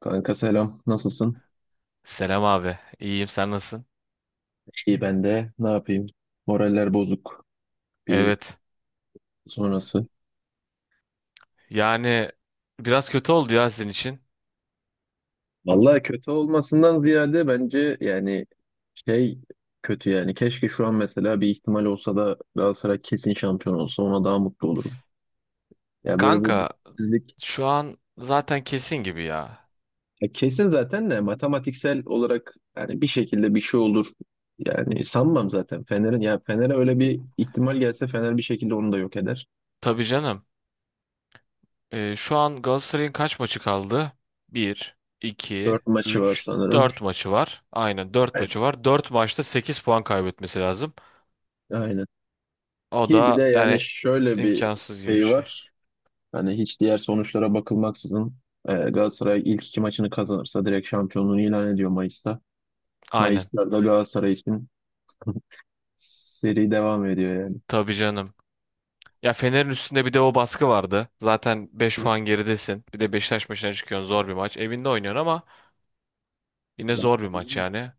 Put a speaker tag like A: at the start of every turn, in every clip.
A: Kanka, selam. Nasılsın?
B: Selam abi. İyiyim sen nasılsın?
A: İyi, ben de. Ne yapayım? Moraller bozuk. Bir
B: Evet.
A: sonrası.
B: Yani biraz kötü oldu ya sizin için.
A: Vallahi kötü olmasından ziyade bence yani şey kötü yani. Keşke şu an mesela bir ihtimal olsa da Galatasaray kesin şampiyon olsa, ona daha mutlu olurum. Ya böyle bu
B: Kanka
A: mutsuzluk
B: şu an zaten kesin gibi ya.
A: ya kesin zaten de, matematiksel olarak yani bir şekilde bir şey olur. Yani sanmam zaten Fener'in, ya Fener'e öyle bir ihtimal gelse Fener bir şekilde onu da yok eder.
B: Tabii canım. Şu an Galatasaray'ın kaç maçı kaldı? Bir, 2,
A: 4 maçı var
B: 3,
A: sanırım.
B: 4 maçı var. Aynen 4 maçı var. 4 maçta 8 puan kaybetmesi lazım.
A: Aynen.
B: O
A: Ki bir de
B: da
A: yani
B: yani
A: şöyle bir
B: imkansız gibi bir
A: şey
B: şey.
A: var. Hani hiç diğer sonuçlara bakılmaksızın Galatasaray ilk 2 maçını kazanırsa direkt şampiyonluğunu ilan ediyor Mayıs'ta.
B: Aynen.
A: Mayıs'ta da Galatasaray için seri devam ediyor yani.
B: Tabii canım. Ya Fener'in üstünde bir de o baskı vardı. Zaten 5 puan geridesin. Bir de Beşiktaş maçına çıkıyorsun. Zor bir maç. Evinde oynuyorsun ama yine
A: Ya,
B: zor bir maç yani.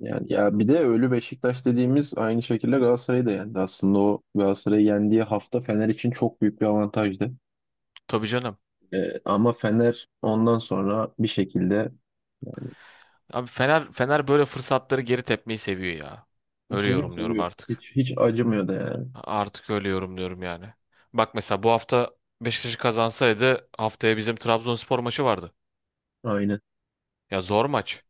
A: yani ya bir de ölü Beşiktaş dediğimiz aynı şekilde Galatasaray'ı da yendi. Aslında o Galatasaray'ı yendiği hafta Fener için çok büyük bir avantajdı.
B: Tabii canım.
A: Ama Fener ondan sonra bir şekilde
B: Abi Fener böyle fırsatları geri tepmeyi seviyor ya. Öyle
A: seviyor,
B: yorumluyorum
A: seviyor.
B: artık.
A: Hiç, hiç acımıyor da yani.
B: Artık öyle yorumluyorum yani. Bak mesela bu hafta Beşiktaş kazansaydı haftaya bizim Trabzonspor maçı vardı.
A: Aynen.
B: Ya zor maç.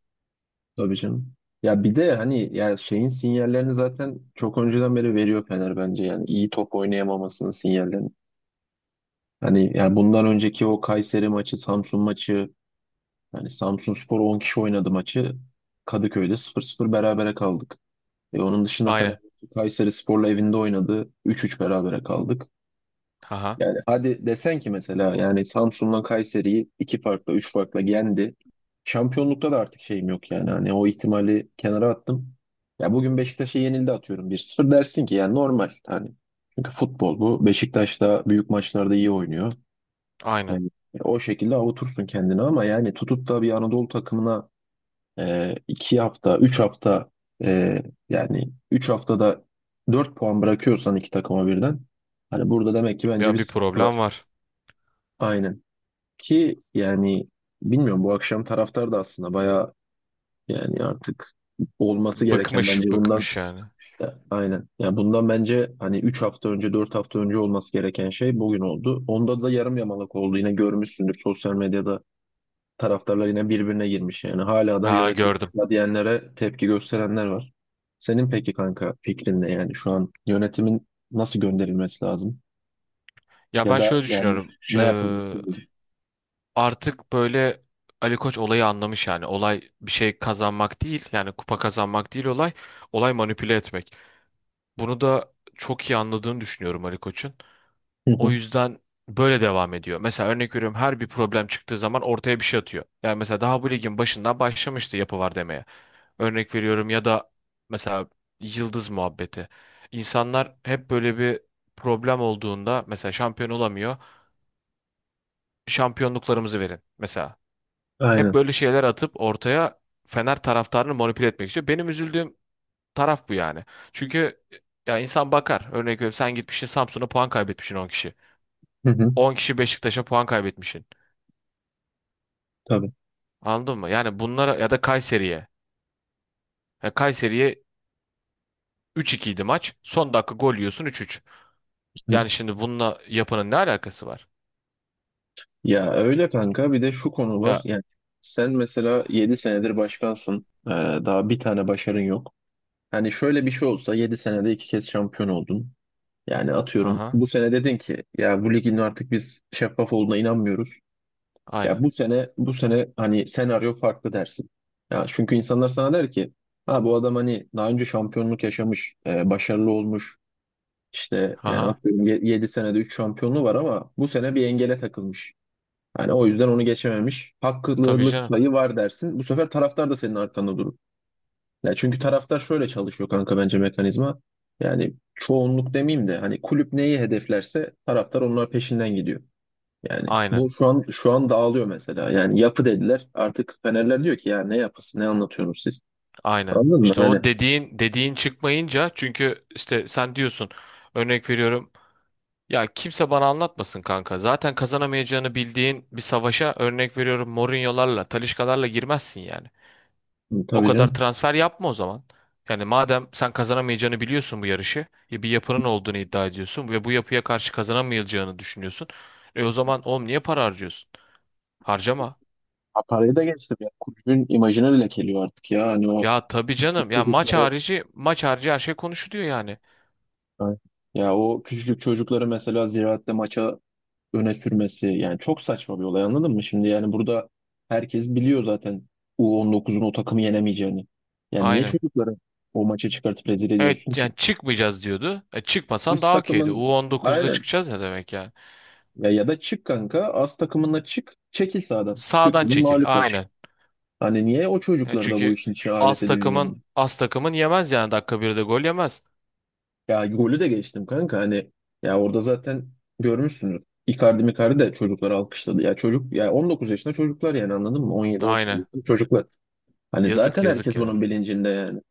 A: Tabii canım. Ya bir de hani ya şeyin sinyallerini zaten çok önceden beri veriyor Fener bence, yani iyi top oynayamamasının sinyallerini. Hani ya bundan önceki o Kayseri maçı, Samsun maçı, yani Samsunspor 10 kişi oynadı maçı. Kadıköy'de 0-0 berabere kaldık. Onun dışında Fener
B: Aynen.
A: Kayseri Spor'la evinde oynadı. 3-3 berabere kaldık.
B: Aha.
A: Yani hadi desen ki mesela yani Samsun'la Kayseri'yi 2 farkla, 3 farkla yendi. Şampiyonlukta da artık şeyim yok yani. Hani o ihtimali kenara attım. Ya bugün Beşiktaş'a yenildi, atıyorum 1-0, dersin ki yani normal hani. Çünkü futbol bu. Beşiktaş da büyük maçlarda iyi oynuyor.
B: Aynen.
A: Yani o şekilde avutursun kendini ama yani tutup da bir Anadolu takımına 2 hafta, 3 hafta e, yani 3 haftada 4 puan bırakıyorsan 2 takıma birden, hani burada demek ki bence bir
B: Ya bir
A: sıkıntı var.
B: problem var.
A: Aynen. Ki yani bilmiyorum, bu akşam taraftar da aslında bayağı, yani artık olması gereken
B: Bıkmış,
A: bence bundan
B: bıkmış yani.
A: aynen. Yani bundan bence hani 3 hafta önce, 4 hafta önce olması gereken şey bugün oldu. Onda da yarım yamalak oldu. Yine görmüşsündür, sosyal medyada taraftarlar yine birbirine girmiş yani. Hala da
B: Ha
A: yönetim
B: gördüm.
A: istifa diyenlere tepki gösterenler var. Senin peki kanka fikrin ne, yani şu an yönetimin nasıl gönderilmesi lazım?
B: Ya
A: Ya
B: ben
A: da
B: şöyle
A: yani
B: düşünüyorum.
A: ne yapılması lazım?
B: Artık böyle Ali Koç olayı anlamış yani. Olay bir şey kazanmak değil yani kupa kazanmak değil olay. Olay manipüle etmek. Bunu da çok iyi anladığını düşünüyorum Ali Koç'un. O yüzden böyle devam ediyor. Mesela örnek veriyorum her bir problem çıktığı zaman ortaya bir şey atıyor. Yani mesela daha bu ligin başından başlamıştı yapı var demeye. Örnek veriyorum ya da mesela yıldız muhabbeti. İnsanlar hep böyle bir problem olduğunda mesela şampiyon olamıyor. Şampiyonluklarımızı verin mesela. Hep
A: Aynen.
B: böyle şeyler atıp ortaya Fener taraftarını manipüle etmek istiyor. Benim üzüldüğüm taraf bu yani. Çünkü ya insan bakar. Örnek veriyorum sen gitmişsin Samsun'a puan kaybetmişsin 10 kişi.
A: Hı hı.
B: 10 kişi Beşiktaş'a puan kaybetmişsin.
A: Tabii.
B: Anladın mı? Yani bunlara ya da Kayseri'ye. Ya Kayseri'ye üç 2 idi maç. Son dakika gol yiyorsun üç üç. Yani şimdi bununla yapanın ne alakası var?
A: Ya öyle kanka, bir de şu konu var.
B: Ya
A: Yani sen mesela 7 senedir başkansın. Daha bir tane başarın yok. Hani şöyle bir şey olsa, 7 senede 2 kez şampiyon oldun. Yani atıyorum
B: aha
A: bu sene dedin ki ya bu ligin artık biz şeffaf olduğuna inanmıyoruz. Ya
B: aynen.
A: bu sene hani senaryo farklı dersin. Ya çünkü insanlar sana der ki ha bu adam hani daha önce şampiyonluk yaşamış, başarılı olmuş. İşte yani
B: Aha
A: atıyorum 7 senede 3 şampiyonluğu var ama bu sene bir engele takılmış. Yani o yüzden onu geçememiş.
B: tabii
A: Haklılık
B: canım.
A: payı var dersin. Bu sefer taraftar da senin arkanda durur. Ya çünkü taraftar şöyle çalışıyor kanka, bence mekanizma. Yani çoğunluk demeyeyim de hani kulüp neyi hedeflerse taraftar onlar peşinden gidiyor. Yani
B: Aynen.
A: bu şu an dağılıyor mesela. Yani yapı dediler. Artık Fenerler diyor ki ya ne yapısı, ne anlatıyorsunuz siz?
B: Aynen.
A: Anladın mı?
B: İşte
A: Hani
B: o dediğin çıkmayınca çünkü işte sen diyorsun örnek veriyorum. Ya kimse bana anlatmasın kanka. Zaten kazanamayacağını bildiğin bir savaşa örnek veriyorum Mourinho'larla, Talisca'larla girmezsin yani.
A: hı,
B: O
A: tabii
B: kadar
A: canım.
B: transfer yapma o zaman. Yani madem sen kazanamayacağını biliyorsun bu yarışı, bir yapının olduğunu iddia ediyorsun ve bu yapıya karşı kazanamayacağını düşünüyorsun. E o zaman oğlum niye para harcıyorsun? Harcama.
A: Ha, parayı da geçtim ya. Kulübün imajını lekeliyor artık ya. Hani o
B: Ya tabii canım. Ya maç
A: çocukları,
B: harici, maç harici her şey konuşuluyor yani.
A: ya o küçücük çocukları mesela Ziraat'te maça öne sürmesi yani çok saçma bir olay, anladın mı? Şimdi yani burada herkes biliyor zaten U19'un o takımı yenemeyeceğini. Yani niye
B: Aynen.
A: çocukları o maça çıkartıp rezil ediyorsun
B: Evet yani
A: ki?
B: çıkmayacağız diyordu. E, çıkmasan
A: As
B: daha okeydi.
A: takımın,
B: U on dokuzda
A: aynen.
B: çıkacağız ne demek yani?
A: Ya, ya da çık kanka, as takımına çık, çekil sahadan.
B: Sağdan
A: Hükmün
B: çekil.
A: mağlup ol.
B: Aynen.
A: Hani niye o
B: Ya
A: çocukları da bu
B: çünkü
A: işin içine alet
B: az
A: ediyor yani?
B: takımın az takımın yemez yani dakika birde gol yemez.
A: Ya golü de geçtim kanka, hani ya orada zaten görmüşsündür. Icardi Micardi de çocukları alkışladı. Ya çocuk, ya 19 yaşında çocuklar yani, anladın mı? 17 18
B: Aynen.
A: yaşında çocuklar. Hani
B: Yazık
A: zaten
B: yazık
A: herkes bunun
B: ya.
A: bilincinde yani.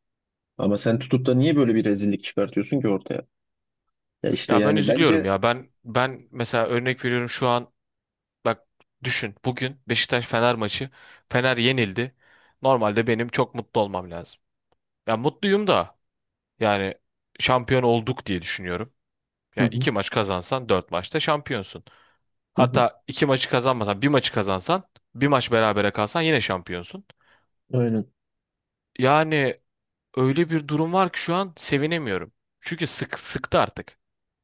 A: Ama sen tutup da niye böyle bir rezillik çıkartıyorsun ki ortaya? Ya işte
B: Ya ben
A: yani
B: üzülüyorum
A: bence
B: ya. Ben mesela örnek veriyorum şu an bak düşün bugün Beşiktaş Fener maçı. Fener yenildi. Normalde benim çok mutlu olmam lazım. Ya mutluyum da yani şampiyon olduk diye düşünüyorum.
A: hı
B: Ya
A: hı,
B: iki maç kazansan dört maçta şampiyonsun.
A: hı hı.
B: Hatta iki maçı kazanmasan bir maçı kazansan bir maç berabere kalsan yine şampiyonsun.
A: Aynen.
B: Yani öyle bir durum var ki şu an sevinemiyorum. Çünkü sık sıktı artık.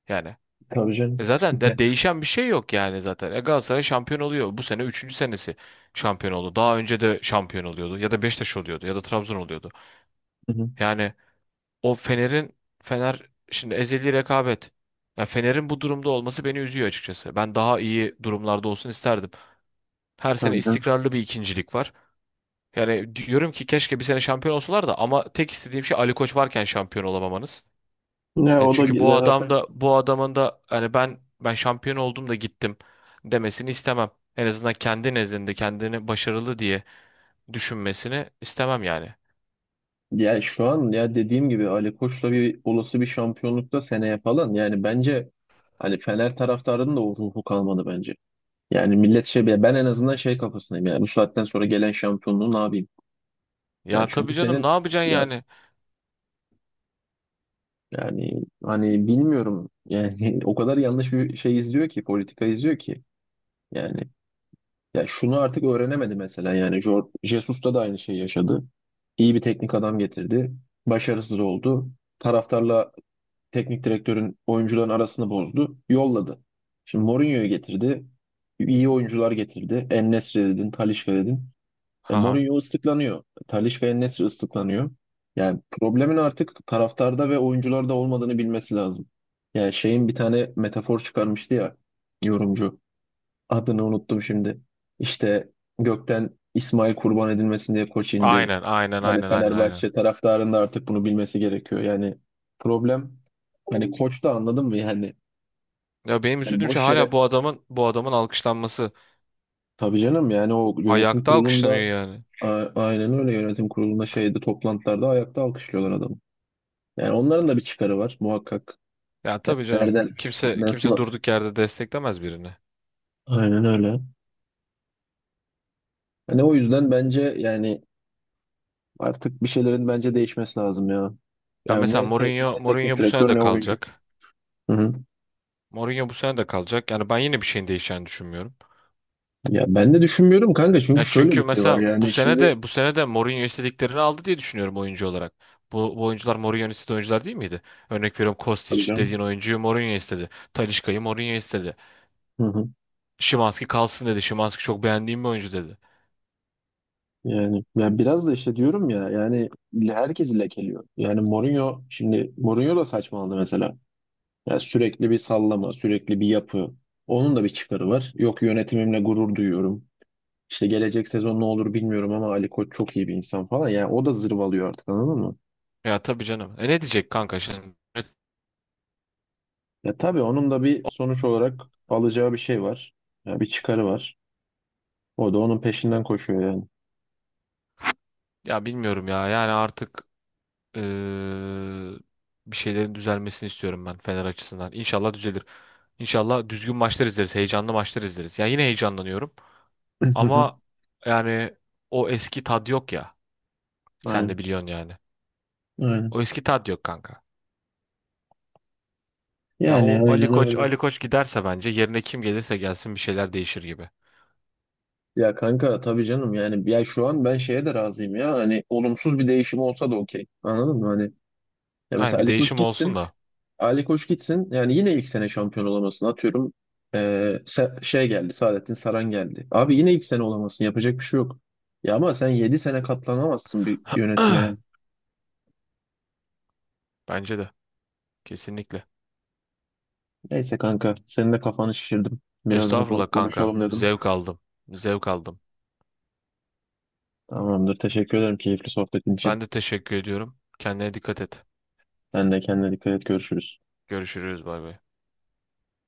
B: Yani
A: Tabii canım.
B: Zaten de değişen bir şey yok yani zaten. E Galatasaray şampiyon oluyor. Bu sene üçüncü senesi şampiyon oldu. Daha önce de şampiyon oluyordu. Ya da Beşiktaş oluyordu ya da Trabzon oluyordu.
A: Hı hı.
B: Yani o Fener şimdi ezeli rekabet. Ya Fener'in bu durumda olması beni üzüyor açıkçası. Ben daha iyi durumlarda olsun isterdim. Her sene
A: Tabii canım.
B: istikrarlı bir ikincilik var. Yani diyorum ki keşke bir sene şampiyon olsalar da ama tek istediğim şey Ali Koç varken şampiyon olamamanız.
A: Ya
B: Yani
A: o da
B: çünkü bu
A: güzel
B: adam
A: zaten.
B: da bu adamın da hani ben şampiyon oldum da gittim demesini istemem. En azından kendi nezdinde kendini başarılı diye düşünmesini istemem yani.
A: Ya şu an ya dediğim gibi Ali Koç'la bir olası bir şampiyonlukta seneye falan, yani bence hani Fener taraftarının da o ruhu kalmadı bence. Yani millet şey, ben en azından şey kafasındayım yani, bu saatten sonra gelen şampiyonluğu ne yapayım? Yani
B: Ya
A: çünkü
B: tabii canım
A: senin
B: ne yapacaksın
A: ya
B: yani?
A: yani hani bilmiyorum yani o kadar yanlış bir şey izliyor ki, politika izliyor ki yani. Ya şunu artık öğrenemedi mesela, yani Jesus'ta da aynı şeyi yaşadı. İyi bir teknik adam getirdi. Başarısız oldu. Taraftarla teknik direktörün, oyuncuların arasını bozdu. Yolladı. Şimdi Mourinho'yu getirdi. İyi oyuncular getirdi. En-Nesyri dedin, Talisca dedin.
B: Haha.
A: Mourinho ıslıklanıyor. Talisca, En-Nesyri ıslıklanıyor. Yani problemin artık taraftarda ve oyuncularda olmadığını bilmesi lazım. Yani şeyin bir tane metafor çıkarmıştı ya, yorumcu. Adını unuttum şimdi. İşte gökten İsmail kurban edilmesin diye koç indi.
B: Aynen aynen
A: Hani
B: aynen aynen aynen.
A: Fenerbahçe taraftarının da artık bunu bilmesi gerekiyor. Yani problem hani koç da, anladın mı? Yani,
B: Ya benim
A: hani
B: üzüldüğüm şey
A: boş
B: hala
A: yere.
B: bu adamın alkışlanması.
A: Tabii canım, yani o yönetim
B: Ayakta alkışlanıyor
A: kurulunda
B: yani.
A: aynen öyle, yönetim kurulunda, şeyde, toplantılarda ayakta alkışlıyorlar adamı. Yani onların da bir çıkarı var muhakkak.
B: Ya
A: Yani
B: tabii canım.
A: nereden,
B: Kimse
A: nasıl?
B: durduk yerde desteklemez birini.
A: Aynen öyle. Hani o yüzden bence yani artık bir şeylerin bence değişmesi lazım ya.
B: Ya
A: Yani
B: mesela
A: ne,
B: Mourinho
A: ne teknik
B: Mourinho bu sene
A: direktör,
B: de
A: ne oyuncu.
B: kalacak.
A: Hı hı.
B: Mourinho bu sene de kalacak. Yani ben yine bir şeyin değişeceğini düşünmüyorum.
A: Ya ben de düşünmüyorum kanka, çünkü
B: Ya
A: şöyle
B: çünkü
A: bir şey var
B: mesela bu
A: yani
B: sene
A: şimdi
B: de bu sene de Mourinho istediklerini aldı diye düşünüyorum oyuncu olarak. Bu oyuncular Mourinho'nun istediği oyuncular değil miydi? Örnek veriyorum
A: tabii
B: Kostić dediğin
A: canım.
B: oyuncuyu Mourinho istedi. Talisca'yı Mourinho istedi.
A: Hı hı.
B: Szymański kalsın dedi. Szymański çok beğendiğim bir oyuncu dedi.
A: Yani ya biraz da işte diyorum ya, yani herkesi lekeliyor. Yani Mourinho şimdi, Mourinho da saçmaladı mesela. Yani sürekli bir sallama, sürekli bir yapı. Onun da bir çıkarı var. Yok, yönetimimle gurur duyuyorum. İşte gelecek sezon ne olur bilmiyorum ama Ali Koç çok iyi bir insan falan. Yani o da zırvalıyor artık, anladın mı?
B: Ya tabii canım. E ne diyecek kanka şimdi?
A: Ya tabii onun da bir sonuç olarak alacağı bir şey var. Ya bir çıkarı var. O da onun peşinden koşuyor yani.
B: Ya bilmiyorum ya. Yani artık eee, bir şeylerin düzelmesini istiyorum ben Fener açısından. İnşallah düzelir. İnşallah düzgün maçlar izleriz. Heyecanlı maçlar izleriz. Ya yine heyecanlanıyorum. Ama yani o eski tad yok ya. Sen de
A: Aynen.
B: biliyorsun yani.
A: Aynen.
B: O eski tad yok kanka. Ya
A: Yani
B: o Ali
A: aynen
B: Koç,
A: öyle.
B: Ali Koç giderse bence yerine kim gelirse gelsin bir şeyler değişir gibi.
A: Ya kanka tabii canım, yani ya şu an ben şeye de razıyım ya, hani olumsuz bir değişim olsa da okey. Anladın mı? Hani ya
B: Aynen
A: mesela
B: bir
A: Ali Koç
B: değişim olsun
A: gitsin,
B: da.
A: Ali Koç gitsin. Yani yine ilk sene şampiyon olamasın. Atıyorum şey geldi. Saadettin Saran geldi. Abi yine ilk sene olamasın. Yapacak bir şey yok. Ya ama sen 7 sene katlanamazsın bir yönetmeye.
B: Bence de. Kesinlikle.
A: Neyse kanka. Senin de kafanı şişirdim. Biraz bunu
B: Estağfurullah kanka.
A: konuşalım dedim.
B: Zevk aldım. Zevk aldım.
A: Tamamdır. Teşekkür ederim keyifli sohbetin için.
B: Ben de teşekkür ediyorum. Kendine dikkat et.
A: Sen de kendine dikkat et. Görüşürüz.
B: Görüşürüz. Bay bay.